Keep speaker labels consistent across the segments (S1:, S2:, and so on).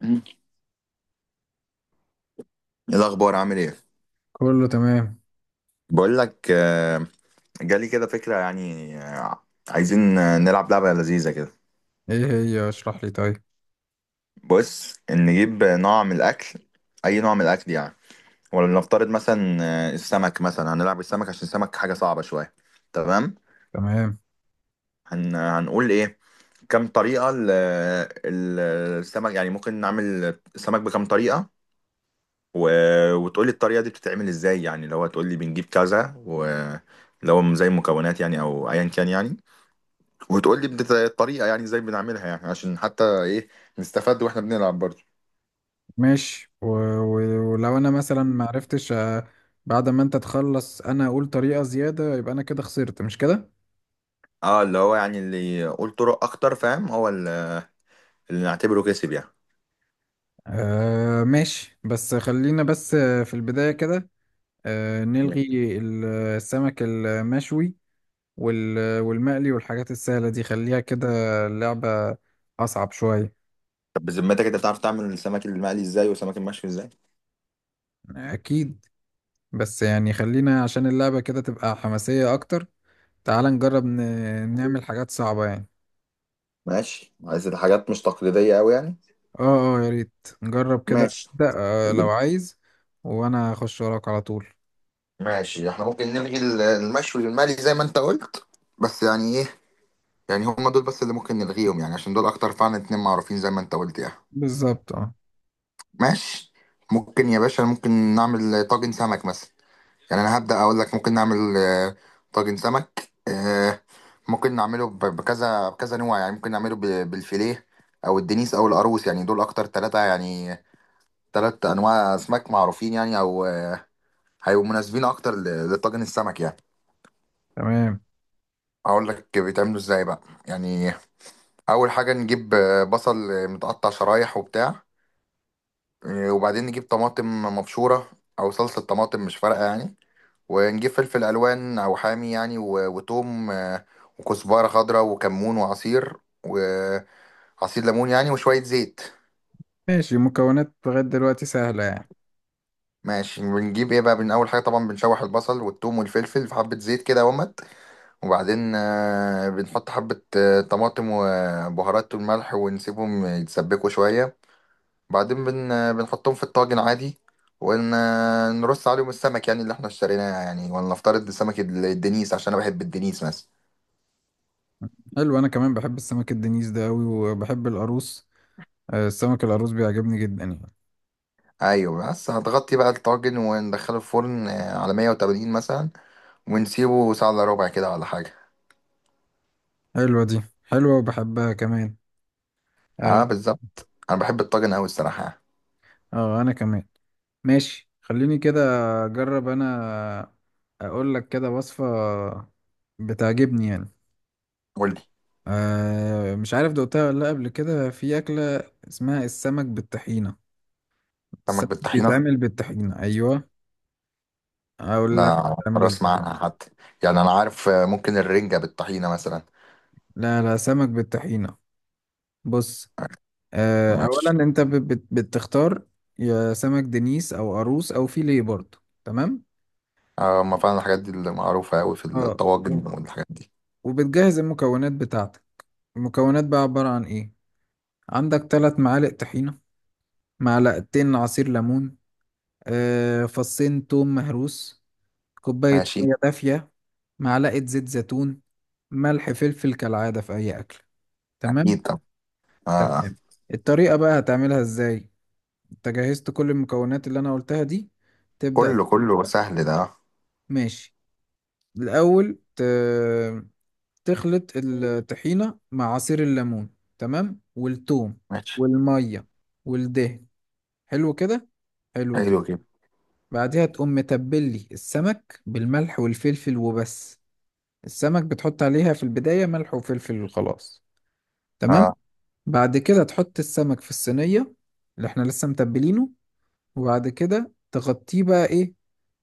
S1: مم. إيه الأخبار؟ عامل إيه؟
S2: كله تمام.
S1: بقول لك، جالي كده فكرة يعني، عايزين نلعب لعبة لذيذة كده.
S2: ايه هي؟ اشرح لي طيب.
S1: بص، نجيب نوع من الأكل، أي نوع من الأكل يعني. ولنفترض مثلا السمك، مثلا هنلعب السمك عشان السمك حاجة صعبة شوية. تمام؟
S2: تمام.
S1: هنقول إيه؟ كم طريقة ال- السمك يعني ممكن نعمل السمك بكم طريقة. و... وتقولي الطريقة دي بتتعمل إزاي، يعني لو هتقولي بنجيب كذا لو زي المكونات يعني أو أيا كان يعني. وتقول لي الطريقه يعني ازاي بنعملها، يعني عشان حتى ايه، نستفاد واحنا بنلعب برضه.
S2: ماشي، ولو انا مثلا ما عرفتش، بعد ما انت تخلص انا اقول طريقة زيادة، يبقى انا كده خسرت، مش كده؟
S1: اه، اللي هو يعني اللي يقول طرق اكتر، فاهم؟ هو اللي نعتبره كسب يعني.
S2: ماشي، بس خلينا بس، في البداية كده
S1: تمام.
S2: نلغي السمك المشوي والمقلي والحاجات السهلة دي خليها كده. اللعبة اصعب شوية.
S1: طب بذمتك انت بتعرف تعمل السمك المقلي ازاي والسمك المشوي ازاي؟
S2: اكيد، بس يعني خلينا عشان اللعبة كده تبقى حماسية اكتر. تعال نجرب نعمل حاجات صعبة يعني.
S1: ماشي، عايز الحاجات مش تقليديه قوي يعني.
S2: اه، اه، يا ريت نجرب كده.
S1: ماشي
S2: ابدأ. لو عايز، وانا اخش وراك على طول.
S1: ماشي، احنا ممكن نلغي المشوي والمقلي زي ما انت قلت، بس يعني ايه، يعني هم دول بس اللي ممكن نلغيهم يعني، عشان دول اكتر فعلا اتنين معروفين زي ما انت قلت يعني.
S2: بالظبط، اه.
S1: ماشي. ممكن يا باشا، ممكن نعمل طاجن سمك مثلا. يعني انا هبدأ اقول لك، ممكن نعمل طاجن سمك، ممكن نعمله بكذا بكذا نوع يعني، ممكن نعمله بالفيليه او الدنيس او القاروص، يعني دول اكتر ثلاثة يعني، ثلاث انواع اسماك معروفين يعني، او هيبقوا مناسبين اكتر لطاجن السمك يعني.
S2: تمام،
S1: اقول لك بيتعملوا ازاي بقى. يعني اول حاجة نجيب بصل متقطع شرايح وبتاع، وبعدين نجيب طماطم مبشورة او صلصة طماطم، مش فارقة يعني. ونجيب فلفل الوان او حامي يعني، وتوم، وكزبره خضراء وكمون وعصير ليمون يعني، وشويه زيت.
S2: ماشي. مكونات لغاية دلوقتي سهلة يعني.
S1: ماشي. بنجيب ايه بقى من اول حاجه؟ طبعا بنشوح البصل والثوم والفلفل في حبه زيت كده، ومت. وبعدين بنحط حبه طماطم وبهارات والملح، ونسيبهم يتسبكوا شويه. بعدين بن آه، بنحطهم في الطاجن عادي، ونرص عليهم السمك يعني اللي احنا اشتريناه، يعني ولا نفترض السمك الدنيس عشان انا بحب الدنيس مثلا.
S2: حلو، انا كمان بحب السمك الدنيس ده اوي وبحب القاروص. السمك القاروص بيعجبني جدا يعني.
S1: ايوه. بس هتغطي بقى الطاجن وندخله الفرن على 180 مثلا، ونسيبه ساعه الا ربع كده ولا حاجه.
S2: حلوة، دي حلوة وبحبها كمان. اه.
S1: اه بالظبط، انا بحب الطاجن قوي الصراحه.
S2: انا كمان. ماشي، خليني كده اجرب انا. اقول لك كده وصفة بتعجبني يعني.
S1: قول لي.
S2: مش عارف دقتها ولا لأ، قبل كده في أكلة اسمها السمك بالطحينة.
S1: سمك
S2: السمك
S1: بالطحينه؟
S2: بيتعمل بالطحينة. أيوة. أقول
S1: ده
S2: لك
S1: أول
S2: بيتعمل
S1: مره اسمع
S2: إزاي.
S1: عنها حتى. يعني انا عارف ممكن الرنجه بالطحينه مثلا.
S2: لا، لا، سمك بالطحينة. بص.
S1: ماشي.
S2: أولا أنت بت بت بتختار يا سمك دنيس أو قاروص أو فيليه برضه. تمام.
S1: اه، ما فعلا الحاجات دي اللي معروفه قوي في
S2: اه.
S1: الطواجن والحاجات دي.
S2: وبتجهز المكونات بتاعتك. المكونات بقى عبارة عن إيه؟ عندك ثلاث معالق طحينة، معلقتين عصير ليمون، فصين توم مهروس، كوباية
S1: ماشي.
S2: مية دافية، معلقة زيت زيتون، ملح فلفل كالعادة في أي أكل. تمام.
S1: اكيد. طب. اه. آه.
S2: تمام. الطريقة بقى هتعملها إزاي؟ أنت جهزت كل المكونات اللي أنا قلتها دي، تبدأ.
S1: كله كله سهل ده، اه.
S2: ماشي. الأول تخلط الطحينة مع عصير الليمون، تمام، والثوم
S1: ماشي.
S2: والمية والدهن. حلو كده، حلو كده.
S1: حلو كده.
S2: بعدها تقوم متبلي السمك بالملح والفلفل وبس. السمك بتحط عليها في البداية ملح وفلفل وخلاص. تمام.
S1: اه،
S2: بعد كده تحط السمك في الصينية اللي احنا لسه متبلينه، وبعد كده تغطيه بقى ايه؟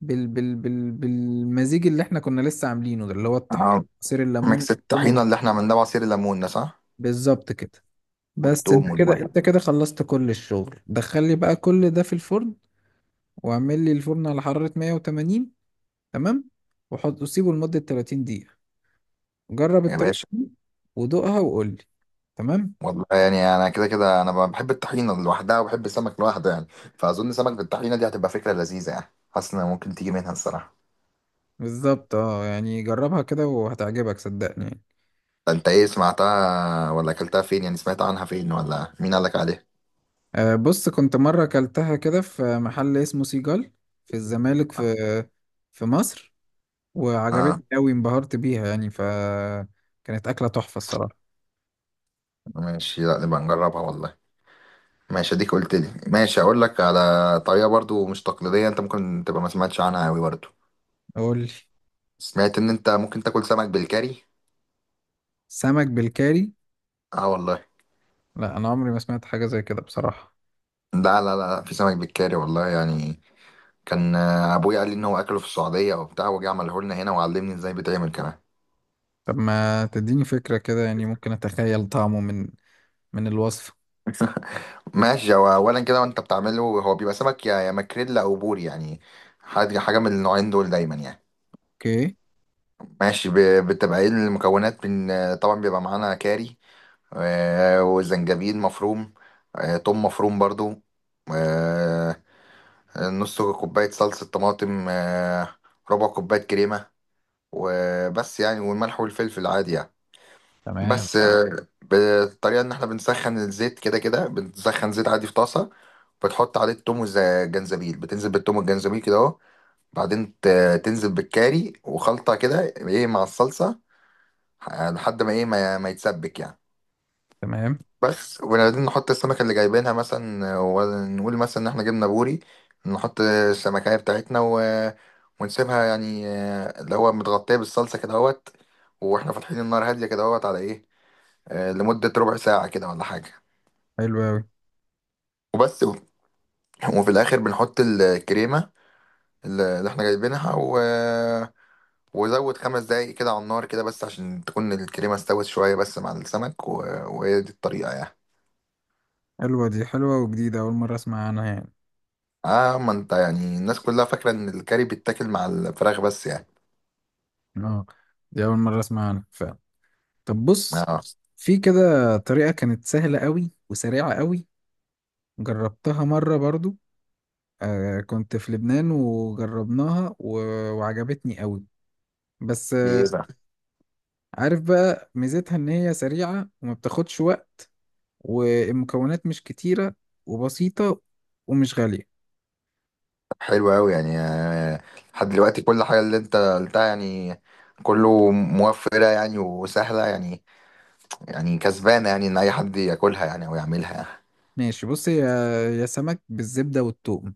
S2: بالمزيج اللي احنا كنا لسه عاملينه ده، اللي هو الطحين،
S1: اه.
S2: عصير الليمون
S1: ميكس
S2: والثوم
S1: الطحينه اللي احنا عملناه بعصير الليمون، ده صح؟
S2: بالظبط كده. بس انت
S1: والثوم
S2: كده
S1: والميه.
S2: انت كده خلصت كل الشغل. دخل لي بقى كل ده في الفرن، واعمل لي الفرن على حرارة 180. تمام، وحط وسيبه لمدة 30 دقيقة. جرب
S1: يا
S2: الطريقة
S1: باشا،
S2: دي ودوقها وقول لي. تمام.
S1: والله يعني انا كده كده، انا بحب الطحينه لوحدها وبحب السمك لوحده يعني، فاظن سمك بالطحينه دي هتبقى فكره لذيذه يعني، حاسس انها ممكن تيجي منها الصراحه.
S2: بالظبط، اه. يعني جربها كده وهتعجبك صدقني يعني.
S1: ده انت ايه، سمعتها ولا اكلتها فين؟ يعني سمعت عنها فين ولا مين قالك عليها؟
S2: بص. كنت مرة أكلتها كده في محل اسمه سيجال في الزمالك،
S1: اه.
S2: في مصر. وعجبتني
S1: آه،
S2: أوي، انبهرت بيها يعني، فكانت أكلة تحفة الصراحة.
S1: ماشي. لا نبقى نجربها والله. ماشي. اديك قلت لي، ماشي اقول لك على طريقه برضو مش تقليديه، انت ممكن تبقى ما سمعتش عنها قوي برضو.
S2: قول لي.
S1: سمعت ان انت ممكن تاكل سمك بالكاري.
S2: سمك بالكاري؟
S1: اه والله.
S2: لا، أنا عمري ما سمعت حاجة زي كده بصراحة.
S1: لا لا لا، في سمك بالكاري والله يعني. كان ابويا قال لي ان هو اكله في السعوديه او بتاع، وجه عمله لنا هنا وعلمني ازاي بيتعمل كمان.
S2: طب ما تديني فكرة كده يعني، ممكن أتخيل طعمه من الوصفة.
S1: ماشي. هو اولا كده وانت بتعمله، هو بيبقى سمك يا ماكريلا او بوري يعني، حاجه حاجه من النوعين دول دايما يعني.
S2: أوكي.
S1: ماشي. بتبقى ايه المكونات؟ من طبعا بيبقى معانا كاري، وزنجبيل مفروم، توم مفروم برضو، آه، نص كوبايه صلصه طماطم، ربع كوبايه كريمه، وبس يعني، والملح والفلفل عادي يعني.
S2: تمام،
S1: بس بالطريقه ان احنا بنسخن الزيت، كده كده بنسخن زيت عادي في طاسه، بتحط عليه التوم والجنزبيل، بتنزل بالتوم والجنزبيل كده اهو. بعدين تنزل بالكاري وخلطه كده، ايه، مع الصلصه لحد ما ايه، ما يتسبك يعني.
S2: تمام.
S1: بس. وبعدين نحط السمكه اللي جايبينها مثلا، ونقول مثلا ان احنا جبنا بوري، نحط السمكيه بتاعتنا ونسيبها يعني، اللي هو متغطيه بالصلصه كده اهوت، واحنا فاتحين النار هاديه كده اهوت، على ايه، لمده ربع ساعه كده ولا حاجه.
S2: حلوة أوي.
S1: وبس. وفي الاخر بنحط الكريمه اللي احنا جايبينها، وزود 5 دقايق كده على النار كده، بس عشان تكون الكريمه استوت شويه بس مع السمك، وهي دي الطريقه يعني.
S2: حلوة، دي حلوة وجديدة. أول مرة أسمع عنها يعني.
S1: اه، ما انت يعني الناس كلها فاكره ان الكاري بيتاكل مع الفراخ بس يعني.
S2: اه. دي اول مره اسمع عنها فعلا. طب بص.
S1: اه.
S2: في كده طريقه كانت سهله قوي وسريعه قوي، جربتها مره برضو. كنت في لبنان وجربناها، وعجبتني قوي. بس
S1: دي ايه بقى؟
S2: عارف بقى ميزتها ان هي سريعه وما بتاخدش وقت، والمكونات مش كتيره وبسيطه ومش غاليه.
S1: حلو قوي يعني، لحد دلوقتي كل حاجه اللي انت قلتها يعني، كله موفره يعني وسهله يعني. يعني كسبانه يعني، ان اي حد ياكلها يعني او يعملها يعني.
S2: ماشي، بص. هي يا سمك بالزبده والثوم،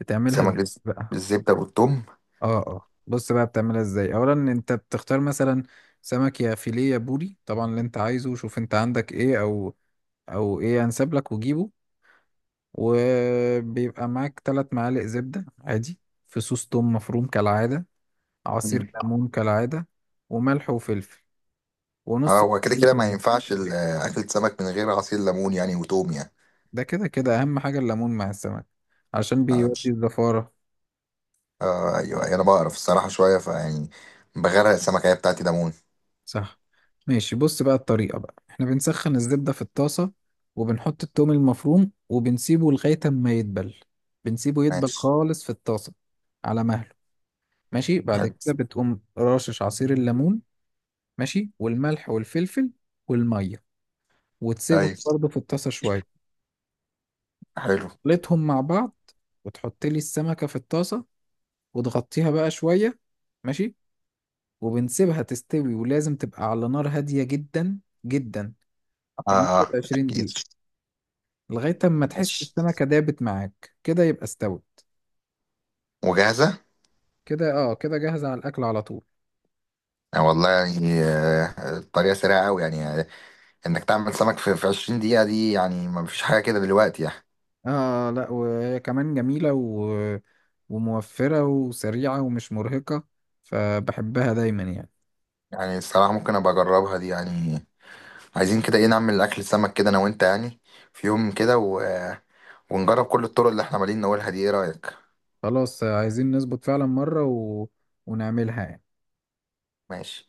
S2: بتعملها
S1: سمك
S2: إزاي
S1: بالز-
S2: بقى؟
S1: بالزبده والثوم؟
S2: اه، اه. بص بقى، بتعملها ازاي؟ اولا انت بتختار مثلا سمك يا فيليه يا بوري، طبعا اللي انت عايزه، شوف انت عندك ايه او ايه انسب لك وجيبه. وبيبقى معاك ثلاث معالق زبدة عادي، في صوص توم مفروم كالعادة، عصير ليمون كالعادة، وملح وفلفل،
S1: اه،
S2: ونص
S1: هو كده
S2: كوباية
S1: كده ما
S2: مية.
S1: ينفعش اكلة سمك من غير عصير ليمون يعني وتوم يعني.
S2: ده كده كده اهم حاجة الليمون مع السمك، عشان
S1: اه.
S2: بيودي الزفارة.
S1: ايوه، أيوة، انا بعرف الصراحة شوية فيعني، بغرق السمكة هي بتاعتي ليمون.
S2: صح. ماشي، بص بقى. الطريقة بقى احنا بنسخن الزبدة في الطاسة، وبنحط التوم المفروم وبنسيبه لغاية ما يدبل، بنسيبه يدبل
S1: ماشي.
S2: خالص في الطاسة على مهله. ماشي. بعد
S1: حلو.
S2: كده بتقوم رشش عصير الليمون، ماشي، والملح والفلفل والمية، وتسيبهم
S1: ايوه.
S2: برضه في الطاسة شوية.
S1: حلو.
S2: خلطهم مع بعض، وتحط لي السمكة في الطاسة، وتغطيها بقى شوية. ماشي. وبنسيبها تستوي، ولازم تبقى على نار هادية جدا جدا
S1: اه.
S2: لمدة 20
S1: اكيد.
S2: دقيقة. لغاية اما تحس
S1: ماشي.
S2: السمكة دابت معاك كده، يبقى استوت
S1: وجاهزة.
S2: كده. اه، كده جاهزة على الأكل على طول.
S1: والله يعني، الطريقة سريعة قوي يعني، انك تعمل سمك في 20 دقيقة دي يعني، ما فيش حاجة كده دلوقتي يعني.
S2: اه. لا، وهي كمان جميلة وموفرة وسريعة ومش مرهقة، فبحبها دايما يعني.
S1: يعني الصراحة ممكن ابقى اجربها دي يعني. عايزين كده ايه، نعمل اكل سمك كده انا وانت يعني، في يوم كده، ونجرب كل الطرق اللي احنا عمالين نقولها دي. ايه رأيك؟
S2: خلاص. عايزين نظبط فعلا مرة ونعملها يعني.
S1: ماشي.